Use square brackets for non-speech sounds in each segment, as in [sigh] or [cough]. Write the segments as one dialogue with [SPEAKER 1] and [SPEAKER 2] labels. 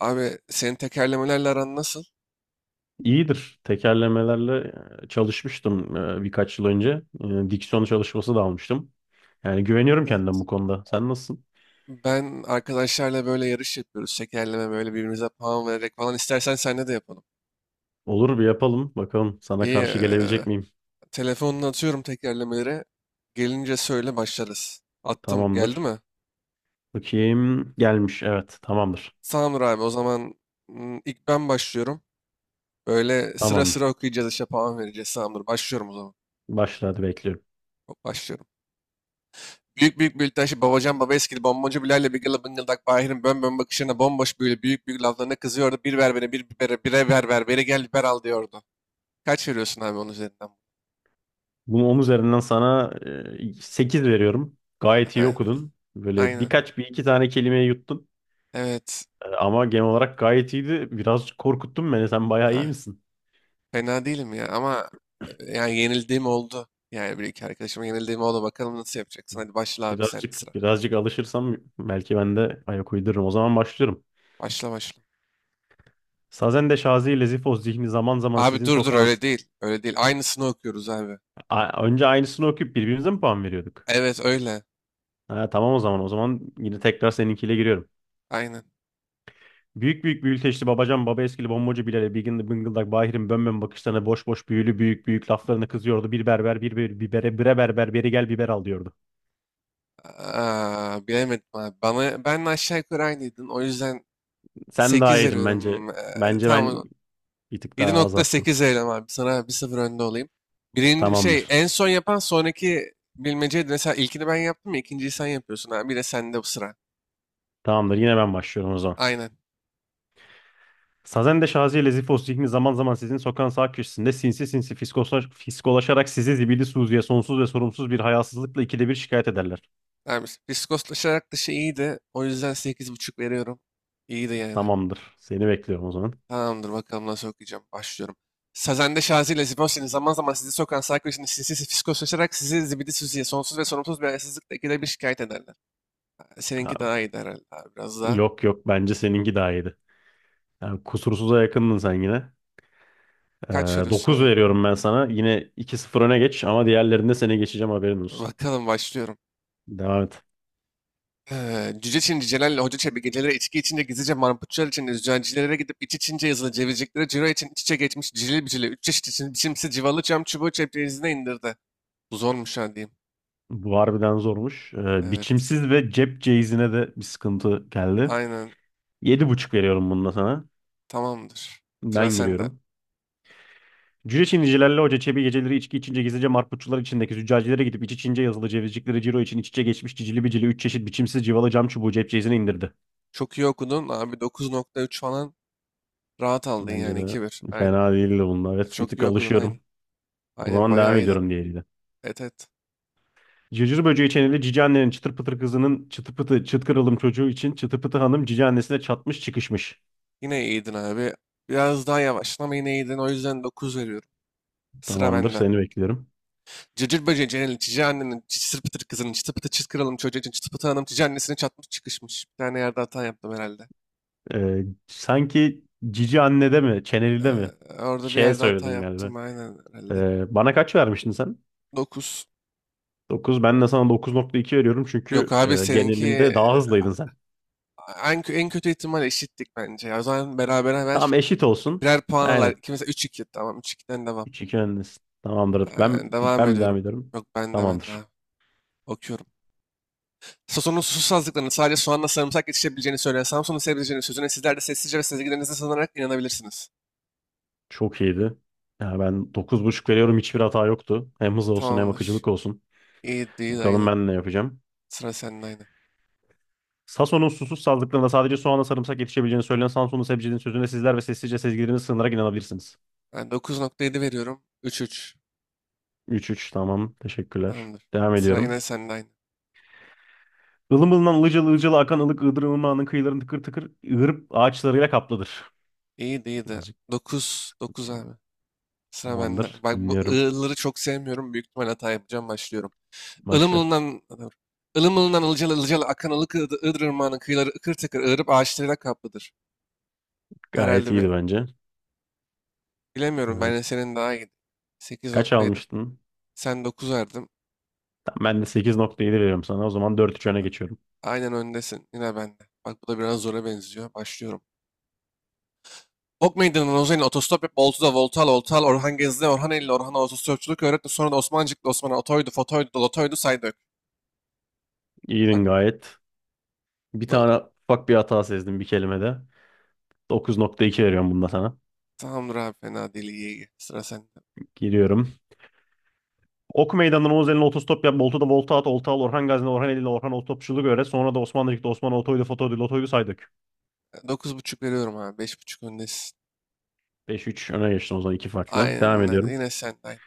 [SPEAKER 1] Abi senin tekerlemelerle aran nasıl?
[SPEAKER 2] İyidir. Tekerlemelerle çalışmıştım, birkaç yıl önce. Diksiyon çalışması da almıştım. Yani güveniyorum kendime
[SPEAKER 1] Evet.
[SPEAKER 2] bu konuda. Sen nasılsın?
[SPEAKER 1] Ben arkadaşlarla böyle yarış yapıyoruz. Tekerleme böyle birbirimize puan vererek falan. İstersen seninle de yapalım.
[SPEAKER 2] Olur, bir yapalım. Bakalım sana
[SPEAKER 1] İyi.
[SPEAKER 2] karşı gelebilecek miyim?
[SPEAKER 1] Telefonunu atıyorum tekerlemelere. Gelince söyle başlarız. Attım. Geldi
[SPEAKER 2] Tamamdır.
[SPEAKER 1] mi?
[SPEAKER 2] Bakayım. Gelmiş. Evet. Tamamdır.
[SPEAKER 1] Tamamdır abi. O zaman ilk ben başlıyorum. Böyle sıra
[SPEAKER 2] Tamamdır.
[SPEAKER 1] sıra okuyacağız işte puan vereceğiz. Tamamdır. Başlıyorum o zaman.
[SPEAKER 2] Başla hadi, bekliyorum.
[SPEAKER 1] Başlıyorum. Büyük büyük bir Ültaşı, Babacan, Babeskili, Bomboncu, Bilal'le Bigil'le Bıngıldak, Bahir'in bön bön bakışlarına bomboş büyülü büyük büyük laflarına kızıyordu. Bir ver beni, bir bibere, bire ver ver, beri gel biber al diyordu. Kaç veriyorsun abi onun üzerinden?
[SPEAKER 2] Bunu 10 üzerinden sana 8 veriyorum. Gayet iyi
[SPEAKER 1] Efendim?
[SPEAKER 2] okudun. Böyle
[SPEAKER 1] Aynen.
[SPEAKER 2] birkaç bir iki tane kelimeyi yuttun.
[SPEAKER 1] Evet.
[SPEAKER 2] Ama genel olarak gayet iyiydi. Biraz korkuttun beni. Sen bayağı
[SPEAKER 1] Ha,
[SPEAKER 2] iyi misin?
[SPEAKER 1] fena değilim ya ama yani yenildiğim oldu. Yani bir iki arkadaşıma yenildiğim oldu. Bakalım nasıl yapacaksın. Hadi başla abi sen de sıra.
[SPEAKER 2] Birazcık alışırsam belki ben de ayak uydururum. O zaman başlıyorum.
[SPEAKER 1] Başla başla.
[SPEAKER 2] Sazen de Şazi ile Zifoz zihni zaman zaman
[SPEAKER 1] Abi
[SPEAKER 2] sizin
[SPEAKER 1] dur dur
[SPEAKER 2] sokağın...
[SPEAKER 1] öyle değil. Öyle değil. Aynısını okuyoruz abi.
[SPEAKER 2] Önce aynısını okuyup birbirimize mi puan veriyorduk?
[SPEAKER 1] Evet öyle.
[SPEAKER 2] Ha, tamam o zaman. O zaman yine tekrar seninkiyle giriyorum.
[SPEAKER 1] Aynen.
[SPEAKER 2] Büyük büyük büyülteçli babacan baba eskili bombacı Bilal'e bigin bıngıldak Bahir'in bönbön bakışlarına boş boş büyülü büyük büyük laflarına kızıyordu. Bir berber bir bibere bire berber beri gel biber al diyordu.
[SPEAKER 1] Aa, bilemedim abi. Bana, ben aşağı yukarı aynıydın. O yüzden
[SPEAKER 2] Sen daha
[SPEAKER 1] 8
[SPEAKER 2] iyiydin bence.
[SPEAKER 1] veriyorum.
[SPEAKER 2] Bence ben
[SPEAKER 1] Tamam
[SPEAKER 2] bir tık
[SPEAKER 1] yedi
[SPEAKER 2] daha az
[SPEAKER 1] nokta
[SPEAKER 2] yaptım.
[SPEAKER 1] sekiz veriyorum abi. Sana bir 0 önde olayım. Birinci şey
[SPEAKER 2] Tamamdır.
[SPEAKER 1] en son yapan sonraki bilmeceydi. Mesela ilkini ben yaptım ya ikinciyi sen yapıyorsun abi. Bir de sende bu sıra.
[SPEAKER 2] Tamamdır, yine ben başlıyorum o zaman.
[SPEAKER 1] Aynen.
[SPEAKER 2] Sazen de Şazi ile Zifos zihni zaman zaman sizin sokağın sağ köşesinde sinsi sinsi fiskolaşarak sizi zibidi Suzi'ye sonsuz ve sorumsuz bir hayasızlıkla ikide bir şikayet ederler.
[SPEAKER 1] Abi fiskoslaşarak dışı iyiydi. O yüzden sekiz buçuk veriyorum. İyiydi yani.
[SPEAKER 2] Tamamdır. Seni bekliyorum o zaman.
[SPEAKER 1] Tamamdır bakalım nasıl okuyacağım. Başlıyorum. Sazende Şazi ile Zibosini zaman zaman sizi sokan Sarkozy'nin sinsi fiskoslaşarak sizi zibidi süzüye sonsuz ve sorumsuz bir ayasızlıkla ikide bir şikayet ederler. Seninki
[SPEAKER 2] Ya,
[SPEAKER 1] daha iyi herhalde abi. Biraz daha
[SPEAKER 2] yok, bence seninki daha iyiydi. Yani kusursuza yakındın sen yine. Ee,
[SPEAKER 1] kaçıyorsun
[SPEAKER 2] 9
[SPEAKER 1] abi.
[SPEAKER 2] veriyorum ben sana. Yine iki 0 öne geç ama diğerlerinde seni geçeceğim, haberin olsun.
[SPEAKER 1] Bakalım başlıyorum.
[SPEAKER 2] Devam et.
[SPEAKER 1] Cüce Çin Celal ile Hoca Çebi geceleri içki içince gizlice marputçular için zücancilere gidip iç içince yazılı cevizciklere ciro için iç içe geçmiş cilil bicili üç çeşit için biçimsiz civalı cam çubuğu ceplerinize indirdi. Bu zormuş ha diyeyim.
[SPEAKER 2] Bu harbiden zormuş.
[SPEAKER 1] Evet
[SPEAKER 2] Biçimsiz ve cep ceizine de bir sıkıntı geldi.
[SPEAKER 1] aynen
[SPEAKER 2] Yedi buçuk veriyorum bununla sana.
[SPEAKER 1] tamamdır. Sıra
[SPEAKER 2] Ben
[SPEAKER 1] sende.
[SPEAKER 2] giriyorum. Cüce Çinicilerle Hoca Çebi geceleri içki içince gizlice marputçular içindeki züccacilere gidip iç içince yazılı cevizcikleri ciro için iç içe geçmiş cicili bicili üç çeşit biçimsiz civalı cam çubuğu cep ceyizine indirdi.
[SPEAKER 1] Çok iyi okudun. Abi 9,3 falan rahat aldın
[SPEAKER 2] Bence
[SPEAKER 1] yani
[SPEAKER 2] de
[SPEAKER 1] 2-1. Aynen.
[SPEAKER 2] fena değildi bunlar. Evet, bir
[SPEAKER 1] Çok
[SPEAKER 2] tık
[SPEAKER 1] iyi okudun aynen.
[SPEAKER 2] alışıyorum. O
[SPEAKER 1] Aynen
[SPEAKER 2] zaman devam
[SPEAKER 1] bayağı iyiydin.
[SPEAKER 2] ediyorum diğeriyle.
[SPEAKER 1] Evet evet.
[SPEAKER 2] Cırcır böceği çeneli cici annenin çıtır pıtır kızının çıtı pıtı çıt kırılım çocuğu için çıtı pıtı hanım cici annesine çatmış çıkışmış.
[SPEAKER 1] Yine iyiydin abi. Biraz daha yavaştın ama yine iyiydin. O yüzden 9 veriyorum. Sıra
[SPEAKER 2] Tamamdır,
[SPEAKER 1] bende.
[SPEAKER 2] seni bekliyorum.
[SPEAKER 1] Cırcır böceği Cenel'in cici annenin cısır pıtır kızının çıtı pıtı çıt kralın çocuğu için çıtı pıtı hanım cici annesini çatmış çıkışmış. Bir tane yerde hata yaptım herhalde.
[SPEAKER 2] Sanki cici annede mi, çenelide
[SPEAKER 1] Ee,
[SPEAKER 2] mi?
[SPEAKER 1] orada
[SPEAKER 2] Ç
[SPEAKER 1] bir yerde hata
[SPEAKER 2] söyledin galiba.
[SPEAKER 1] yaptım aynen herhalde.
[SPEAKER 2] Bana kaç vermiştin sen?
[SPEAKER 1] 9.
[SPEAKER 2] Dokuz. Ben de sana dokuz nokta iki veriyorum
[SPEAKER 1] Yok
[SPEAKER 2] çünkü
[SPEAKER 1] abi seninki
[SPEAKER 2] genelinde daha hızlıydın sen.
[SPEAKER 1] en kötü ihtimal eşittik bence. Ya. O zaman berabere ver.
[SPEAKER 2] Tamam, eşit olsun.
[SPEAKER 1] Birer puan alar.
[SPEAKER 2] Aynen.
[SPEAKER 1] İki mesela 3-2. Tamam 3-2'den devam.
[SPEAKER 2] Üç iki öndesin. Tamamdır. Ben
[SPEAKER 1] Devam
[SPEAKER 2] ben mi devam
[SPEAKER 1] ediyorum.
[SPEAKER 2] ediyorum?
[SPEAKER 1] Yok ben de
[SPEAKER 2] Tamamdır.
[SPEAKER 1] abi. Okuyorum. Sason'un susuzluklarını sadece soğanla sarımsak yetişebileceğini söyleyen Samsun'un seveceğini sözüne sizler de sessizce ve sezgilerinize sığınarak inanabilirsiniz.
[SPEAKER 2] Çok iyiydi. Ya ben dokuz buçuk veriyorum. Hiçbir hata yoktu. Hem hız olsun hem
[SPEAKER 1] Tamamdır.
[SPEAKER 2] akıcılık olsun.
[SPEAKER 1] İyi değil
[SPEAKER 2] Bakalım
[SPEAKER 1] aynı.
[SPEAKER 2] ben ne yapacağım.
[SPEAKER 1] Sıra sende aynı.
[SPEAKER 2] Sason'un susuz sazlıklarında sadece soğanla sarımsak yetişebileceğini söyleyen Samsunlu sebzecinin sözüne sizler ve sessizce sezgilerinizi sığınarak inanabilirsiniz.
[SPEAKER 1] Ben 9,7 veriyorum. 3-3.
[SPEAKER 2] Üç üç, tamam. Teşekkürler.
[SPEAKER 1] Tamamdır.
[SPEAKER 2] Devam
[SPEAKER 1] Sıra yine
[SPEAKER 2] ediyorum.
[SPEAKER 1] sende aynı.
[SPEAKER 2] Ilım ılınan ılıcalı ılıcalı akan ılık ığdır ılımağının kıyılarını tıkır tıkır ığırıp ağaçlarıyla kaplıdır.
[SPEAKER 1] İyi değildi.
[SPEAKER 2] Birazcık
[SPEAKER 1] 9-9 abi. Sıra bende.
[SPEAKER 2] tamamdır.
[SPEAKER 1] Bak bu
[SPEAKER 2] Dinliyorum.
[SPEAKER 1] ı'ları çok sevmiyorum. Büyük ihtimal hata yapacağım. Başlıyorum.
[SPEAKER 2] Başla.
[SPEAKER 1] Ilımlı'ndan Ilımlı'ndan ılcalı ılcalı akan ılık Iğdır Irmağı'nın kıyıları ıkır tıkır ığırıp ağaçlarıyla kaplıdır.
[SPEAKER 2] Gayet
[SPEAKER 1] Herhalde bir
[SPEAKER 2] iyiydi bence.
[SPEAKER 1] bilemiyorum ben
[SPEAKER 2] Ee,
[SPEAKER 1] de senin daha iyi.
[SPEAKER 2] Kaç
[SPEAKER 1] 8,7
[SPEAKER 2] almıştın?
[SPEAKER 1] sen 9 verdim.
[SPEAKER 2] Tamam, ben de 8.7 veriyorum sana. O zaman dört 3 öne geçiyorum.
[SPEAKER 1] Aynen öndesin yine bende. Bak bu da biraz zora benziyor. Başlıyorum. Ok Meydanı'nın Ozan'ın otostop yap Oltu'da Voltal Oltal Orhan Gezdi Orhan Eylül Orhan'a otostopçuluk öğretti. Sonra da Osmancık'la Osman'a otoydu fotoydu dolotoydu saydık. Bak
[SPEAKER 2] İyiydin
[SPEAKER 1] bu
[SPEAKER 2] gayet. Bir
[SPEAKER 1] da
[SPEAKER 2] tane ufak bir hata sezdim bir kelimede. 9.2 veriyorum bunda sana.
[SPEAKER 1] tamamdır abi fena değil iyi iyi. Sıra sende.
[SPEAKER 2] Giriyorum. Ok meydanından Oğuz eline otostop yap. Boltu'da volta at. Olta al. Orhan Gazi'ne Orhan Eli'yle Orhan Otostopçuluk öğret. Sonra da Osmanlıcık'ta Osman Otoydu Fotoydu Lotoydu say dök.
[SPEAKER 1] 9,5 veriyorum abi, 5,5 öndesin.
[SPEAKER 2] Beş üç öne geçtim o zaman. İki farklı. Devam
[SPEAKER 1] Aynen
[SPEAKER 2] ediyorum.
[SPEAKER 1] yine sen aynen.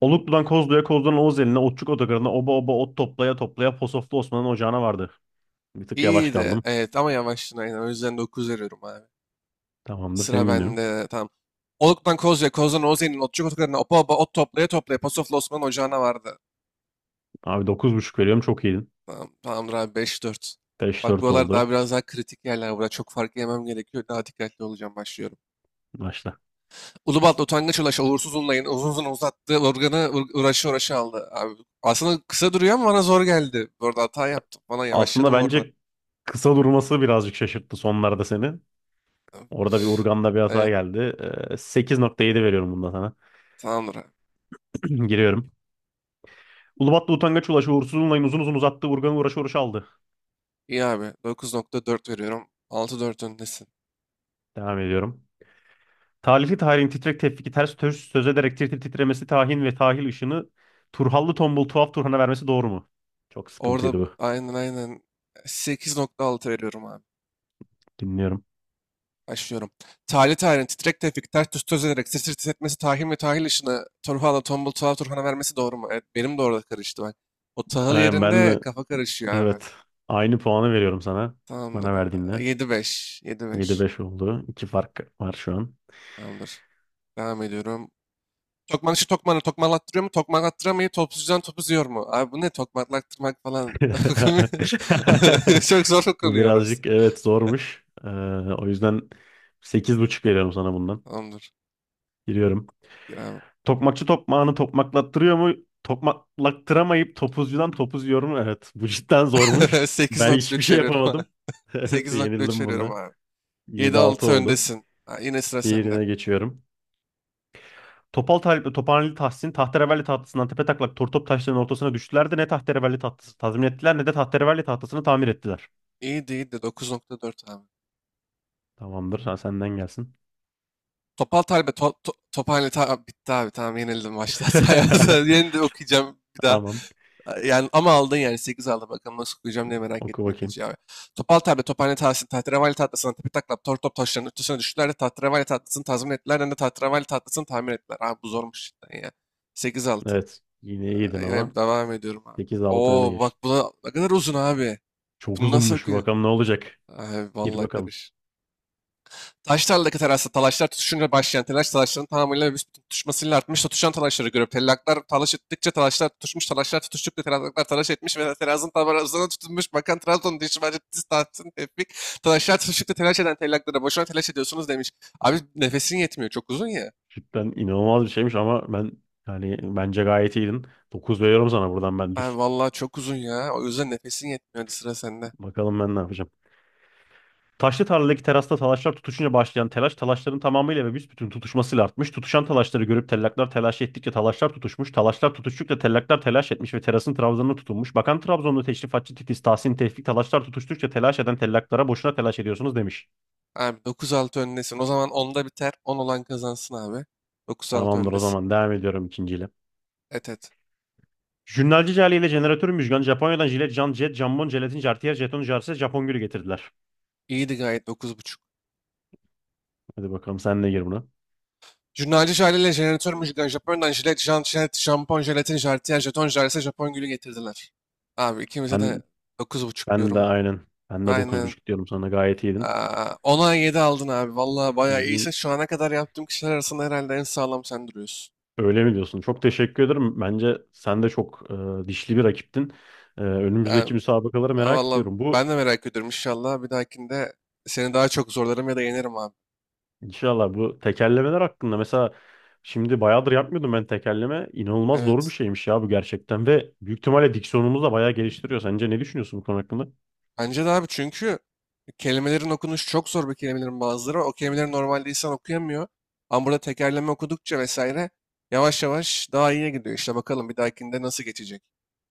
[SPEAKER 2] Oluklu'dan Kozlu'ya, Kozlu'dan Oğuz eline, Otçuk Otogarı'na, oba oba ot toplaya toplaya Posoflu Osman'ın ocağına vardı. Bir tık yavaş
[SPEAKER 1] İyi de,
[SPEAKER 2] kaldım.
[SPEAKER 1] evet ama yavaştın aynen. O yüzden 9 veriyorum abi.
[SPEAKER 2] Tamamdır,
[SPEAKER 1] Sıra
[SPEAKER 2] seni dinliyorum.
[SPEAKER 1] bende. Tamam. Oluk'tan Kozya, Koz'dan Oze'nin, Otçuk Otokarı'na, Opa Opa, Ot toplaya toplaya, Pasoflu Osman Ocağı'na vardı.
[SPEAKER 2] Abi dokuz buçuk veriyorum, çok iyiydin.
[SPEAKER 1] Tamam, tamamdır abi 5-4. Bak
[SPEAKER 2] 5-4
[SPEAKER 1] buralar daha
[SPEAKER 2] oldu.
[SPEAKER 1] biraz daha kritik yerler. Burada çok fark yemem gerekiyor. Daha dikkatli olacağım. Başlıyorum.
[SPEAKER 2] Başla.
[SPEAKER 1] Ulubatlı utangaç ulaş uğursuz unlayın. Uzun uzun uzattı. Organı uğraşı uğraşı aldı. Abi, aslında kısa duruyor ama bana zor geldi. Bu arada hata yaptım. Bana
[SPEAKER 2] Aslında
[SPEAKER 1] yavaşladım orada.
[SPEAKER 2] bence kısa durması birazcık şaşırttı sonlarda seni. Orada bir
[SPEAKER 1] Üf,
[SPEAKER 2] Urgan'da bir hata
[SPEAKER 1] evet,
[SPEAKER 2] geldi. 8.7 veriyorum bunda sana.
[SPEAKER 1] tamamdır abi.
[SPEAKER 2] [clears throat] Giriyorum. Ulubatlı utangaç ulaşı uğursuz unlayın uzun uzun uzattı. Urgan'ı uğraşı uğraşı aldı.
[SPEAKER 1] İyi abi. 9,4 veriyorum. 6,4 öndesin.
[SPEAKER 2] Devam ediyorum. Talifi tarihin titrek tevfiki ters töz söz ederek tir tir titremesi tahin ve tahil ışını Turhallı tombul tuhaf Turhan'a vermesi doğru mu? Çok
[SPEAKER 1] Orada
[SPEAKER 2] sıkıntıydı bu.
[SPEAKER 1] aynen aynen 8,6 veriyorum abi.
[SPEAKER 2] Dinliyorum.
[SPEAKER 1] Başlıyorum. Tali tayin, titrek tefik, ters tüs töz ederek, sir sir tis etmesi, ve tahil işine, Turhan'a, tombul tuhaf Turhan'a vermesi doğru mu? Evet, benim de orada karıştı bak. O tahıl
[SPEAKER 2] Aynen, ben
[SPEAKER 1] yerinde
[SPEAKER 2] de
[SPEAKER 1] kafa karışıyor abi.
[SPEAKER 2] evet aynı puanı veriyorum sana.
[SPEAKER 1] Tamamdır.
[SPEAKER 2] Bana verdiğinle.
[SPEAKER 1] 7-5, 7.
[SPEAKER 2] 7-5 oldu. 2 fark var şu an.
[SPEAKER 1] Tamamdır. Devam ediyorum. Tokmanın işi tokmanı tokmalattırıyor mu? Tokmalattıramayı topuzcudan topuz yiyor mu? Abi bu ne tokmalattırmak falan. [laughs]
[SPEAKER 2] [laughs]
[SPEAKER 1] Çok zor
[SPEAKER 2] Bu
[SPEAKER 1] okunuyor orası.
[SPEAKER 2] birazcık evet zormuş. O yüzden sekiz buçuk veriyorum sana bundan.
[SPEAKER 1] Tamamdır.
[SPEAKER 2] Giriyorum.
[SPEAKER 1] Gir abi.
[SPEAKER 2] Tokmakçı tokmağını tokmaklattırıyor mu? Tokmaklattıramayıp topuzcudan topuz yiyor mu? Evet. Bu cidden
[SPEAKER 1] [laughs]
[SPEAKER 2] zormuş. Ben hiçbir
[SPEAKER 1] 8,3
[SPEAKER 2] şey
[SPEAKER 1] veriyorum abi.
[SPEAKER 2] yapamadım. [laughs] Evet,
[SPEAKER 1] 8,3
[SPEAKER 2] yenildim
[SPEAKER 1] veriyorum
[SPEAKER 2] bunda.
[SPEAKER 1] abi. Yedi
[SPEAKER 2] Yedi altı
[SPEAKER 1] altı
[SPEAKER 2] oldu.
[SPEAKER 1] öndesin. Ha, yine sıra sende.
[SPEAKER 2] Diğerine geçiyorum. Topal Talip'le Topaneli Tahsin tahterevalli tahtasından tepe taklak tortop taşlarının ortasına düştüler de ne tahterevalli tahtası tazmin ettiler ne de tahterevalli tahtasını tamir ettiler.
[SPEAKER 1] İyi değil de 9,4 abi.
[SPEAKER 2] Tamamdır. Sen senden gelsin.
[SPEAKER 1] Topal Talbe, Tophane bitti abi tamam yenildim maçta. [laughs]
[SPEAKER 2] [laughs]
[SPEAKER 1] Sayarsan de okuyacağım bir daha.
[SPEAKER 2] Tamam.
[SPEAKER 1] Yani ama aldın yani 8 aldı bakalım nasıl okuyacağım diye merak
[SPEAKER 2] Oku
[SPEAKER 1] ettim
[SPEAKER 2] bakayım.
[SPEAKER 1] ikinci abi. Topal Talbe, Tophane Tahsin, Tahterevalli Tahtası'na tepi taklap, tor top taşlarının üstüne düştüler de Tahterevalli Tahtası'nı tazmin ettiler hem de Tahterevalli Tahtası'nı tamir ettiler. Abi bu zormuş cidden ya. 8-6.
[SPEAKER 2] Evet. Yine iyiydin
[SPEAKER 1] Yine
[SPEAKER 2] ama
[SPEAKER 1] devam ediyorum abi.
[SPEAKER 2] sekiz altı öne
[SPEAKER 1] Oo bak
[SPEAKER 2] geçtin.
[SPEAKER 1] bu da ne kadar uzun abi.
[SPEAKER 2] Çok
[SPEAKER 1] Bunu nasıl
[SPEAKER 2] uzunmuş.
[SPEAKER 1] okuyor?
[SPEAKER 2] Bakalım ne olacak.
[SPEAKER 1] Ay
[SPEAKER 2] Gir
[SPEAKER 1] vallahi
[SPEAKER 2] bakalım.
[SPEAKER 1] karış. Taş tarladaki terasta talaşlar tutuşunca başlayan telaş talaşların tamamıyla ve büsbütün tutuşmasıyla artmış da tutuşan talaşları görüp tellaklar talaş ettikçe talaşlar tutuşmuş talaşlar tutuştukça tellaklar talaş etmiş ve terazın tabarazına tutunmuş bakan Trabzon'da işi bence diz tahtın tepik. Talaşlar tutuştukça telaş eden tellaklara boşuna telaş ediyorsunuz demiş. Abi nefesin yetmiyor çok uzun ya.
[SPEAKER 2] Cidden inanılmaz bir şeymiş ama ben, yani bence gayet iyiydin. 9 veriyorum sana buradan ben
[SPEAKER 1] Abi
[SPEAKER 2] düz.
[SPEAKER 1] vallahi çok uzun ya o yüzden nefesin yetmiyor hadi sıra sende.
[SPEAKER 2] Bakalım ben ne yapacağım. Taşlı tarladaki terasta talaşlar tutuşunca başlayan telaş talaşların tamamıyla ve büsbütün tutuşmasıyla artmış. Tutuşan talaşları görüp tellaklar telaş ettikçe talaşlar tutuşmuş. Talaşlar tutuştukça tellaklar telaş etmiş ve terasın trabzanına tutunmuş. Bakan Trabzonlu teşrifatçı Titiz Tahsin Tevfik talaşlar tutuştukça telaş eden tellaklara boşuna telaş ediyorsunuz demiş.
[SPEAKER 1] Abi 9-6 öndesin o zaman 10'da biter 10 olan kazansın abi. Dokuz altı
[SPEAKER 2] Tamamdır, o
[SPEAKER 1] öndesin.
[SPEAKER 2] zaman devam ediyorum ikinciyle.
[SPEAKER 1] Et et.
[SPEAKER 2] Jünnalci Cale ile jeneratör Müjgan Japonya'dan jilet, can, jet, jambon, jelatin, jartiyer, jeton, jarse, Japon gülü getirdiler.
[SPEAKER 1] İyiydi gayet 9,5.
[SPEAKER 2] Hadi bakalım, sen de gir buna.
[SPEAKER 1] Jurnalci aileyle jeneratör müjgan Japonya'dan jilet, jant, jilet, şampon, jelatin, jartiyer, jeton, jarse, Japon gülü getirdiler. Abi ikimize de
[SPEAKER 2] Ben
[SPEAKER 1] 9,5
[SPEAKER 2] ben de
[SPEAKER 1] diyorum.
[SPEAKER 2] aynen. Ben de dokuz
[SPEAKER 1] Aynen.
[SPEAKER 2] buçuk diyorum, sana gayet iyiydin.
[SPEAKER 1] Aa, 10'a 7 aldın abi. Vallahi bayağı iyisin.
[SPEAKER 2] Bugün
[SPEAKER 1] Şu ana kadar yaptığım kişiler arasında herhalde en sağlam sen duruyorsun.
[SPEAKER 2] öyle mi diyorsun? Çok teşekkür ederim. Bence sen de çok dişli bir rakiptin. Önümüzdeki
[SPEAKER 1] Yani,
[SPEAKER 2] müsabakaları
[SPEAKER 1] aa,
[SPEAKER 2] merak
[SPEAKER 1] vallahi
[SPEAKER 2] ediyorum.
[SPEAKER 1] ben de merak ediyorum inşallah. Bir dahakinde seni daha çok zorlarım ya da yenerim abi.
[SPEAKER 2] İnşallah bu tekerlemeler hakkında, mesela şimdi bayağıdır yapmıyordum ben tekerleme. İnanılmaz zor bir
[SPEAKER 1] Evet.
[SPEAKER 2] şeymiş ya bu gerçekten ve büyük ihtimalle diksiyonumuzu da bayağı geliştiriyor. Sence ne düşünüyorsun bu konu hakkında?
[SPEAKER 1] Bence de abi çünkü kelimelerin okunuşu çok zor bir kelimelerin bazıları. O kelimeleri normalde insan okuyamıyor. Ama burada tekerleme okudukça vesaire yavaş yavaş daha iyiye gidiyor. İşte bakalım bir dahakinde nasıl geçecek.